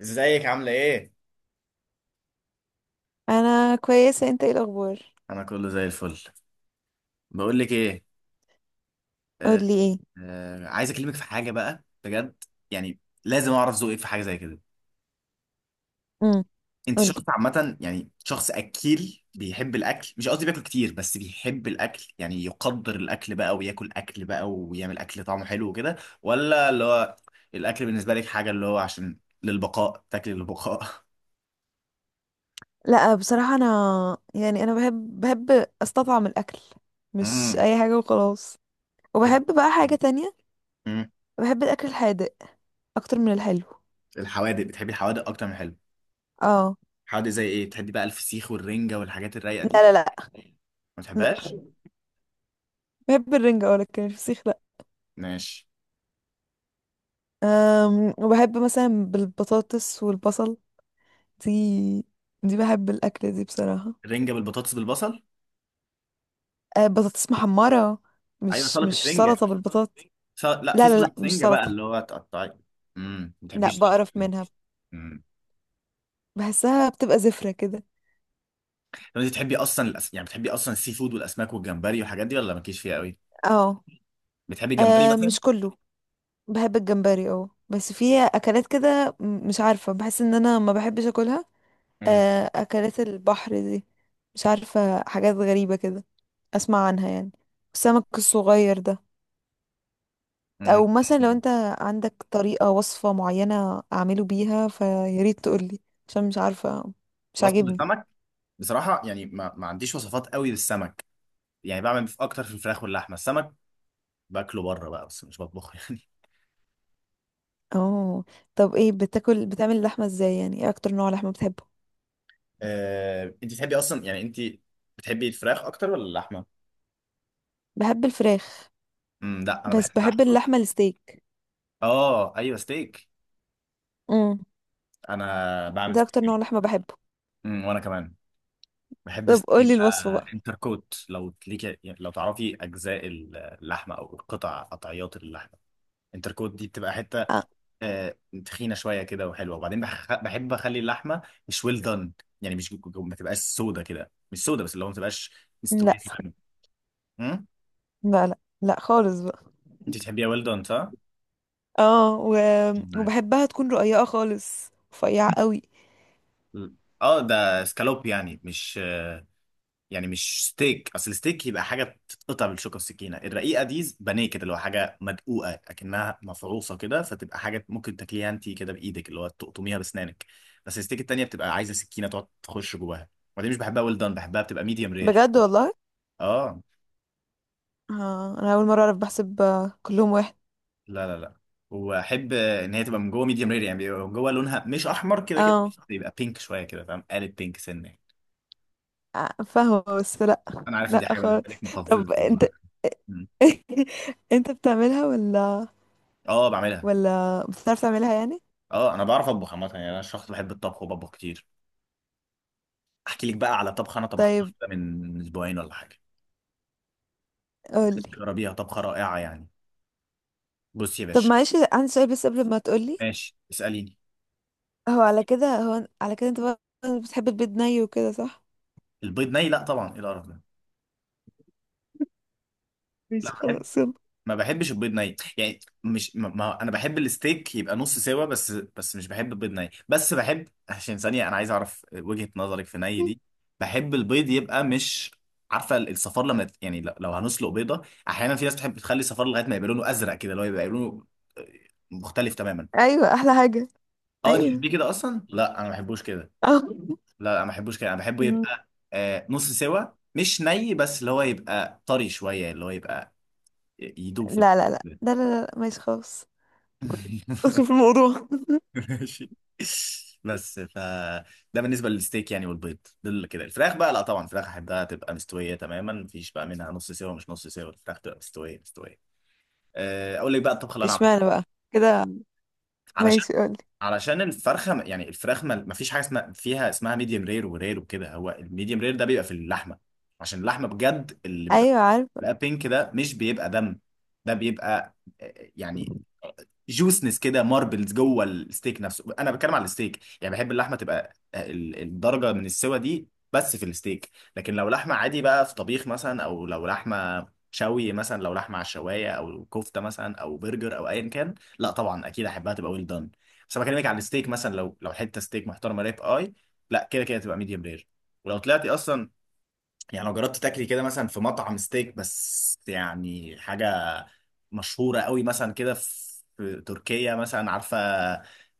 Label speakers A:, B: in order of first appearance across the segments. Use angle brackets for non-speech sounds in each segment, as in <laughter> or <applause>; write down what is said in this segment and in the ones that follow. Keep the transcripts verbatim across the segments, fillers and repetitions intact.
A: ازيك عاملة ايه؟
B: انا كويسه، انت ايه الاخبار؟
A: انا كله زي الفل. بقول لك ايه. آه
B: قولي ايه؟
A: آه عايز اكلمك في حاجة بقى بجد، يعني لازم اعرف ذوقك في حاجة زي كده.
B: امم.
A: انت شخص
B: قولي.
A: عامة، يعني شخص اكيل بيحب الاكل، مش قصدي بياكل كتير بس بيحب الاكل، يعني يقدر الاكل بقى وياكل اكل بقى ويعمل اكل طعمه حلو وكده، ولا اللي هو الاكل بالنسبة لك حاجة اللي هو عشان للبقاء، تاكل للبقاء.
B: لا، بصراحه انا، يعني انا بحب بحب استطعم الاكل.
A: <laughs>
B: مش
A: امم.
B: اي حاجه وخلاص.
A: بتحبي،
B: وبحب بقى حاجه تانية.
A: امم.
B: بحب الاكل الحادق اكتر من الحلو.
A: الحوادق، بتحبي الحوادق اكتر من الحلو؟
B: اه.
A: حوادق زي ايه بتحبي بقى؟ الفسيخ والرنجة والحاجات الرايقة دي؟
B: لا، لا، لا،
A: ما
B: لا.
A: بتحبهاش.
B: بحب الرنجة، اه، لكن الفسيخ لا.
A: ماشي.
B: أم وبحب مثلا بالبطاطس والبصل. دي دي بحب الأكلة دي بصراحة.
A: رنجة بالبطاطس بالبصل.
B: أه، بطاطس محمرة.
A: ايوه
B: مش
A: سلطة
B: مش
A: رنجة.
B: سلطة بالبطاطس.
A: سل... لا، في
B: لا، لا، لا،
A: سلطة
B: مش
A: رنجة بقى
B: سلطة.
A: اللي هو تقطعي. امم، ما
B: لا،
A: بتحبيش سلطة
B: بقرف
A: رنجة.
B: منها.
A: امم.
B: بحسها بتبقى زفرة كده.
A: طب انت بتحبي اصلا الأس... يعني بتحبي اصلا السي فود والاسماك والجمبري والحاجات دي، ولا مالكيش فيها قوي؟
B: اه.
A: بتحبي جمبري
B: آه،
A: مثلا؟
B: مش كله. بحب الجمبري، اه، بس في اكلات كده، م- مش عارفة، بحس ان انا ما بحبش اكلها.
A: امم.
B: آه، اكلات البحر دي. مش عارفة، حاجات غريبة كده. اسمع عنها يعني. السمك الصغير ده. او
A: امم.
B: مثلا لو
A: <laughs>
B: انت عندك طريقة، وصفة معينة اعمله بيها فياريت تقولي. عشان مش عارفة. مش
A: وصفة
B: عاجبني.
A: السمك، بصراحة يعني ما... ما عنديش وصفات قوي للسمك، يعني بعمل في اكتر في الفراخ واللحمة، السمك باكله بره بقى بس مش بطبخه <laughs> يعني.
B: اه. طب، ايه بتاكل بتعمل اللحمة ازاي؟ يعني ايه اكتر نوع لحمة بتحبه؟
A: آه... انت بتحبي اصلا، يعني انت بتحبي الفراخ اكتر ولا اللحمة؟
B: بحب الفراخ.
A: امم، لا انا
B: بس
A: بحب
B: بحب
A: اللحمة.
B: اللحمة الستيك.
A: اه ايوه ستيك.
B: امم.
A: انا بعمل
B: ده اكتر
A: ستيك.
B: نوع لحمة بحبه.
A: امم، وانا كمان بحب
B: طب
A: ستيك
B: قولي
A: يبقى.
B: الوصفة بقى.
A: انتر كوت، لو ليك، يعني لو تعرفي اجزاء اللحمه او قطع قطعيات اللحمه، انتر كوت دي بتبقى حته
B: آه.
A: آه، تخينه شويه كده وحلوه، وبعدين بح- بحب اخلي اللحمه مش ويل دان، يعني مش ما تبقاش سودا كده، مش سودا بس اللي هو ما تبقاش
B: لا،
A: مستويه تماما. امم.
B: لا، لا، لا خالص بقى.
A: انت بتحبيها ويل دان صح؟
B: اه، و...
A: معاك.
B: وبحبها تكون رقيقة خالص رفيعة قوي.
A: اه ده سكالوب يعني مش، يعني مش ستيك، اصل الستيك يبقى حاجه تتقطع بالشوكه والسكينه، الرقيقه دي بانيه كده اللي هو حاجه مدقوقه اكنها مفروصه كده، فتبقى حاجه ممكن تاكليها انت كده بايدك، اللي هو تقطميها باسنانك. بس الستيك التانيه بتبقى عايزه سكينه تقعد تخش جواها. ودي مش بحبها ويل دان، بحبها بتبقى ميديوم رير.
B: بجد والله؟
A: اه،
B: اه، انا اول مرة اعرف، بحسب آه، كلهم واحد.
A: لا لا لا، واحب ان هي تبقى من جوه ميديوم رير، يعني بيبقى من جوه لونها مش احمر كده كده،
B: اه.
A: بيبقى بينك شويه كده، فاهم؟ قالب بينك سنه يعني.
B: آه، فاهمة، بس لا.
A: انا عارف ان
B: لا
A: دي حاجه
B: خالص.
A: بالنسبه لك مقززه.
B: طب انت. <laughs> انت بتعملها ولا؟
A: اه بعملها.
B: ولا بتعرف تعملها يعني؟
A: اه انا بعرف اطبخ عامه، يعني انا شخص بحب الطبخ وبطبخ كتير. احكي لك بقى على طبخه انا طبختها
B: طيب.
A: كده من اسبوعين ولا حاجه،
B: قولي.
A: جربيها طبخه رائعه يعني. بص يا
B: طب
A: باشا.
B: معلش، عندي سؤال بس قبل ما تقولي.
A: ماشي اساليني.
B: هو على كده هو على كده انت بقى، بتحب البيض ني وكده صح؟
A: البيض ني؟ لا طبعا، ايه القرف ده. لا
B: ماشي،
A: ما بحب،
B: خلاص، يلا.
A: ما بحبش البيض ني، يعني مش ما... ما... انا بحب الستيك يبقى نص سوا، بس بس مش بحب البيض ني، بس بحب عشان ثانيه انا عايز اعرف وجهه نظرك في ني دي. بحب البيض يبقى مش، عارفه الصفار لما ت- يعني لو لو هنسلق بيضه، احيانا في ناس بتحب تخلي الصفار لغايه ما يبقى لونه ازرق كده، اللي هو يبقى لونه آه، مختلف تماما.
B: ايوه، احلى حاجه.
A: اه انت
B: ايوه.
A: بتحبيه كده اصلا؟ لا انا ما بحبوش كده.
B: اه.
A: لا لا، ما بحبوش كده، انا بحبه
B: مم.
A: يبقى آه نص سوا، مش ني، بس اللي هو يبقى طري شويه، اللي هو يبقى ي- يدوب في
B: لا، لا، لا،
A: ال-
B: لا، لا، لا، لا، ماشي خلاص.
A: <laughs>
B: اصل في الموضوع.
A: ماشي. بس ف، ده بالنسبه للستيك يعني، والبيض دول كده. الفراخ بقى لا طبعا، الفراخ احبها تبقى مستويه تماما، مفيش بقى منها نص سوا، مش نص سوا، الفراخ تبقى مستويه مستويه. آه، اقول لك بقى الطبخه اللي انا عملتها.
B: اشمعنى بقى كده؟
A: علشان
B: ماشي، قولي.
A: علشان الفرخه م- يعني الفراخ ما ما فيش حاجه اسمها، فيها اسمها ميديوم رير ورير وكده، هو الميديوم رير ده بيبقى في اللحمه، عشان اللحمه بجد اللي بيبقى
B: ايوه، عارفه.
A: بقى بينك ده مش بيبقى دم، ده بيبقى آه، يعني جوسنس كده، ماربلز جوه الستيك نفسه، انا بتكلم على الستيك يعني، بحب اللحمه تبقى آه، ال- الدرجه من السوا دي، بس في الستيك. لكن لو لحمه عادي بقى في طبيخ مثلا، او لو لحمه شوي مثلا، لو لحمه على الشوايه، او كفته مثلا، او برجر، او ايا كان، لا طبعا اكيد احبها تبقى ويل دان. بس انا بكلمك على الستيك، مثلا لو لو حته ستيك محترمه، ريب اي، لا كده كده تبقى ميديوم رير. ولو طلعتي اصلا، يعني لو جربت تاكلي كده مثلا في مطعم ستيك، بس يعني حاجة مشهورة قوي مثلا كده، في في تركيا مثلا، عارفة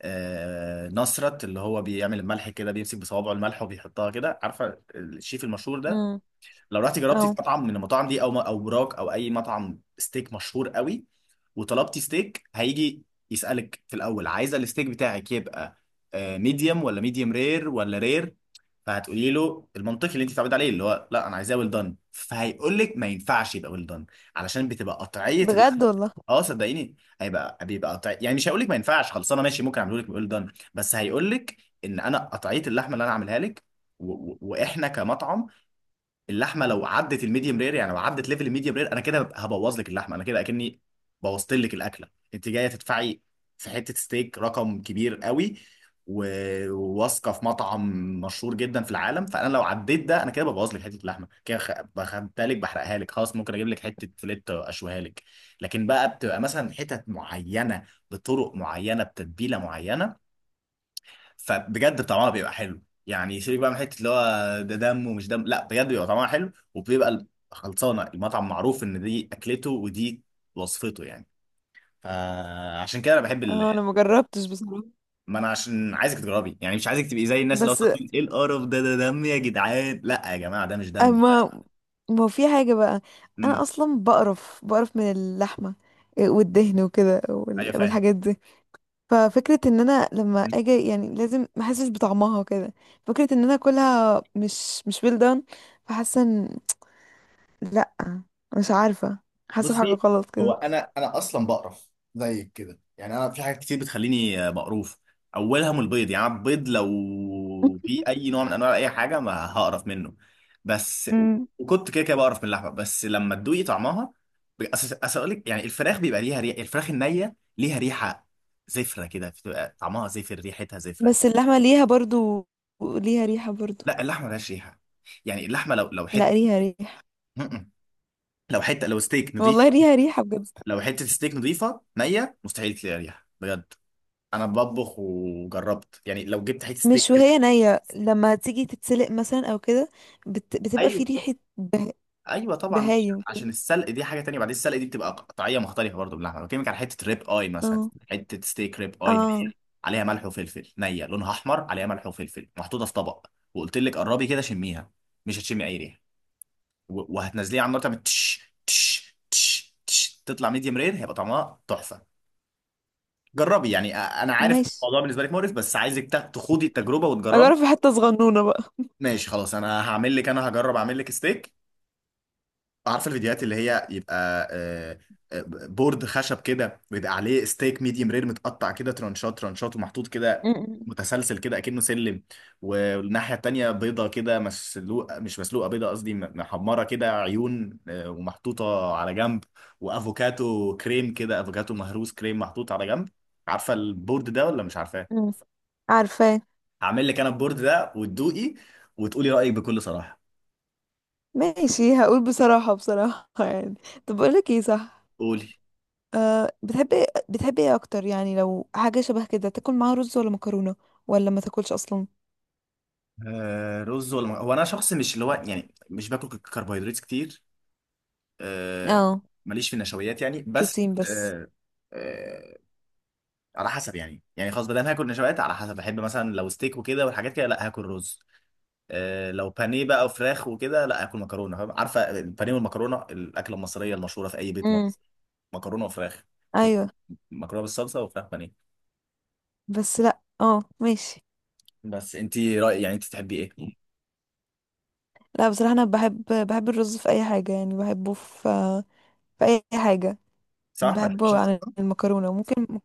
A: آه، نصرت، اللي هو بيعمل الملح كده، بيمسك بصوابعه الملح وبيحطها كده، عارفة الشيف المشهور ده؟
B: امم.
A: لو رحتي جربتي في
B: اه.
A: مطعم من المطاعم دي، او او براك، او اي مطعم ستيك مشهور قوي، وطلبتي ستيك، هيجي يسألك في الاول عايزه الستيك بتاعك يبقى ميديوم ولا ميديوم رير ولا رير. فهتقولي له المنطقي اللي انت بتعود عليه، اللي هو لا انا عايزاه ويل دان، فهيقول لك ما ينفعش يبقى ويل دان، علشان بتبقى قطعيه اللحم.
B: بجد والله؟
A: اه صدقيني هيبقى، بيبقى قطع يعني، مش هيقول لك ما ينفعش خلصانه، ماشي ممكن اعمله لك ويل دان بس هيقول لك ان انا قطعيه اللحمه اللي انا عاملها لك، و... و... واحنا كمطعم، اللحمه لو عدت الميديوم رير، يعني لو عدت ليفل الميديوم رير انا كده ببقى هبوظ لك اللحمه، انا كده اكني بوظت لك الاكله، انت جايه تدفعي في حته ستيك رقم كبير قوي، و- وواثقه في مطعم مشهور جدا في العالم، فانا لو عديت ده انا كده ببوظ لك حته اللحمه كده، خ- بخدتها لك بحرقها لك خلاص، ممكن اجيب لك حته فيليت اشويها لك. لكن بقى بتبقى مثلا حتت معينه، بطرق معينه، بتتبيله معينه، فبجد طعمها بيبقى حلو، يعني سيبك بقى من حته اللي هو ده دم ومش دم، لا بجد بيبقى طعمها حلو، وبيبقى ال- خلصانه المطعم معروف ان دي اكلته ودي وصفته يعني، فعشان كده انا بحب ال...
B: اه، انا ما جربتش بصراحه.
A: ما انا عشان عايزك تجربي، يعني مش عايزك تبقي زي الناس اللي هو
B: بس،
A: تقول ايه القرف ده ده دم يا جدعان، لا يا جماعه ده مش دم.
B: اما ما هو في حاجه بقى، انا
A: امم.
B: اصلا بقرف بقرف من اللحمه، والدهن وكده، وال-
A: ايوه فاهم.
B: والحاجات دي. ففكرة ان انا لما اجي، يعني لازم ما احسش بطعمها وكده. فكرة ان انا اكلها مش مش well done. فحاسة ان، لا، مش عارفة، حاسة بحاجة
A: بصي،
B: غلط
A: هو
B: كده.
A: انا انا اصلا بقرف زيك كده يعني، انا في حاجات كتير بتخليني بقروف، اولها من البيض، يعني أنا البيض لو في
B: <laughs>
A: اي نوع من انواع اي حاجه ما هقرف منه بس.
B: امم
A: وكنت كده كده بقرف من اللحمه، بس لما تدوقي طعمها، اصل اقول لك يعني الفراخ بيبقى ليها ريحه، الفراخ النيه ليها ريحه زفره كده، بتبقى طعمها زفر ريحتها زفره،
B: بس اللحمة ليها برضو، ليها ريحة برضو.
A: لا اللحمه ملهاش ريحه، يعني اللحمه لو لو حته،
B: لا، ليها ريحة.
A: م-م. لو حته لو ستيك نضيف،
B: والله ليها ريحة بجد.
A: لو حته ستيك نضيفه نيه، مستحيل تلاقي ريحه بجد. انا بطبخ وجربت يعني، لو جبت حته ستيك
B: مش
A: كده،
B: وهي نية لما تيجي تتسلق مثلا او كده؟ بت... بتبقى في
A: ايوه
B: ريحة به...
A: ايوه طبعا،
B: بهايم كده.
A: عشان السلق دي حاجه تانية، بعدين السلق دي بتبقى قطعيه مختلفه برضو باللحمه، بكلمك على حته ريب اي مثلا،
B: اه.
A: حته ستيك ريب اي نية،
B: اه،
A: عليها ملح وفلفل نيه لونها احمر، عليها ملح وفلفل محطوطه في طبق، وقلت لك قربي كده شميها، مش هتشمي اي ريحه. و- وهتنزليها على النار، تعمل تش تش تش تش، تطلع ميديم رير، هيبقى طعمها تحفه. جربي يعني، أ- انا عارف
B: ماشي.
A: الموضوع بالنسبه لك مقرف بس عايزك تا- تخوضي التجربه وتجربي.
B: هجرب في حتة صغنونة بقى.
A: ماشي خلاص انا هعمل لك، انا هجرب اعمل لك ستيك. عارفه الفيديوهات اللي هي يبقى آه، آه، بورد خشب كده ويبقى عليه ستيك ميديوم رير، متقطع كده ترانشات ترانشات ومحطوط كده،
B: أمم.
A: متسلسل كده اكنه سلم، والناحيه التانيه بيضه كده مسلوقه، مش مسلوقه بيضه قصدي م- محمره كده عيون آه، ومحطوطه على جنب، وافوكاتو كريم كده، افوكاتو مهروس كريم محطوط على جنب، عارفه البورد ده ولا مش عارفاه؟
B: مم. عارفة.
A: هعمل لك انا البورد ده وتدوقي وتقولي رايك بكل صراحه.
B: ماشي، هقول بصراحة بصراحة، <laughs> يعني. طب بقول لك ايه، صح؟
A: قولي.
B: أه، بتحبي بتحبي ايه اكتر، يعني لو حاجة شبه كده، تاكل معاها رز ولا مكرونة؟ ولا ما تاكلش اصلا؟
A: آه رز ولا مك- هو انا شخص مش اللي هو يعني مش باكل ك- كربوهيدرات كتير. آه،
B: اه،
A: ماليش في النشويات يعني بس
B: بروتين بس.
A: آه، آه على حسب يعني، يعني خلاص بدل هاكل نشويات، على حسب بحب مثلا لو ستيك وكده والحاجات كده لا هاكل رز، آه لو بانيه بقى وفراخ وكده لا هاكل مكرونه، فاهم؟ عارفه البانيه والمكرونه الاكله المصريه المشهوره في اي بيت
B: امم.
A: مصري، مكرونه وفراخ، مكرونه،
B: ايوه.
A: مكرونه بالصلصه وفراخ بانيه.
B: بس لا، اه، ماشي.
A: بس انت رأي يعني، انت تحبي ايه؟
B: لا، بصراحة انا بحب بحب الرز في اي حاجة، يعني بحبه في في اي حاجة.
A: صح ما تحبيش
B: بحبه عن
A: المكرونه.
B: المكرونة ممكن.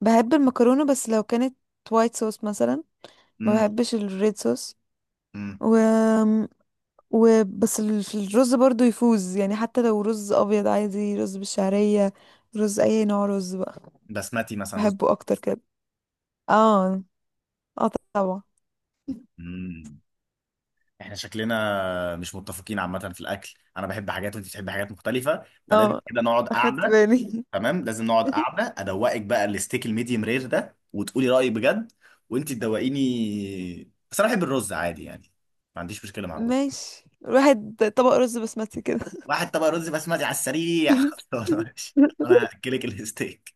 B: بحب المكرونة بس لو كانت وايت صوص مثلا. ما بحبش الريد
A: امم.
B: صوص. وبس ال- في الرز برضو يفوز، يعني حتى لو رز ابيض عادي، رز بالشعرية. رز، اي نوع رز بقى.
A: بسمتي مثلا.
B: بحبه اكتر كده. اه. اه طبعا.
A: رز، احنا شكلنا مش متفقين عامة في الأكل، أنا بحب حاجات وأنت بتحبي حاجات مختلفة، فلازم
B: اه،
A: كده نقعد
B: اخدت
A: قعدة.
B: بالي.
A: تمام لازم نقعد
B: <laughs>
A: قعدة، أدوقك بقى الستيك الميديم رير ده وتقولي رأيك بجد، وأنت تدوقيني. بس أنا بحب الرز عادي يعني، ما عنديش مشكلة مع الرز.
B: ماشي، الواحد طبق رز بسمتي كده.
A: واحد طبق رز بسمتي على السريع <laughs>
B: <laughs>
A: خلاص ماشي. أنا هأكلك الستيك.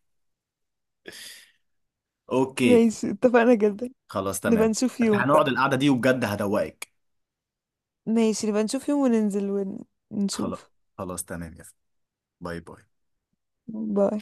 A: أوكي.
B: ماشي، اتفقنا جدا.
A: خلاص
B: نبقى
A: تمام.
B: نشوف
A: بس
B: يوم
A: هنقعد
B: بقى.
A: القعدة دي وبجد هدوقك.
B: ماشي، نبقى نشوف يوم وننزل.
A: خلاص.
B: ونشوف.
A: خلاص تمام يا فندم. باي باي.
B: باي.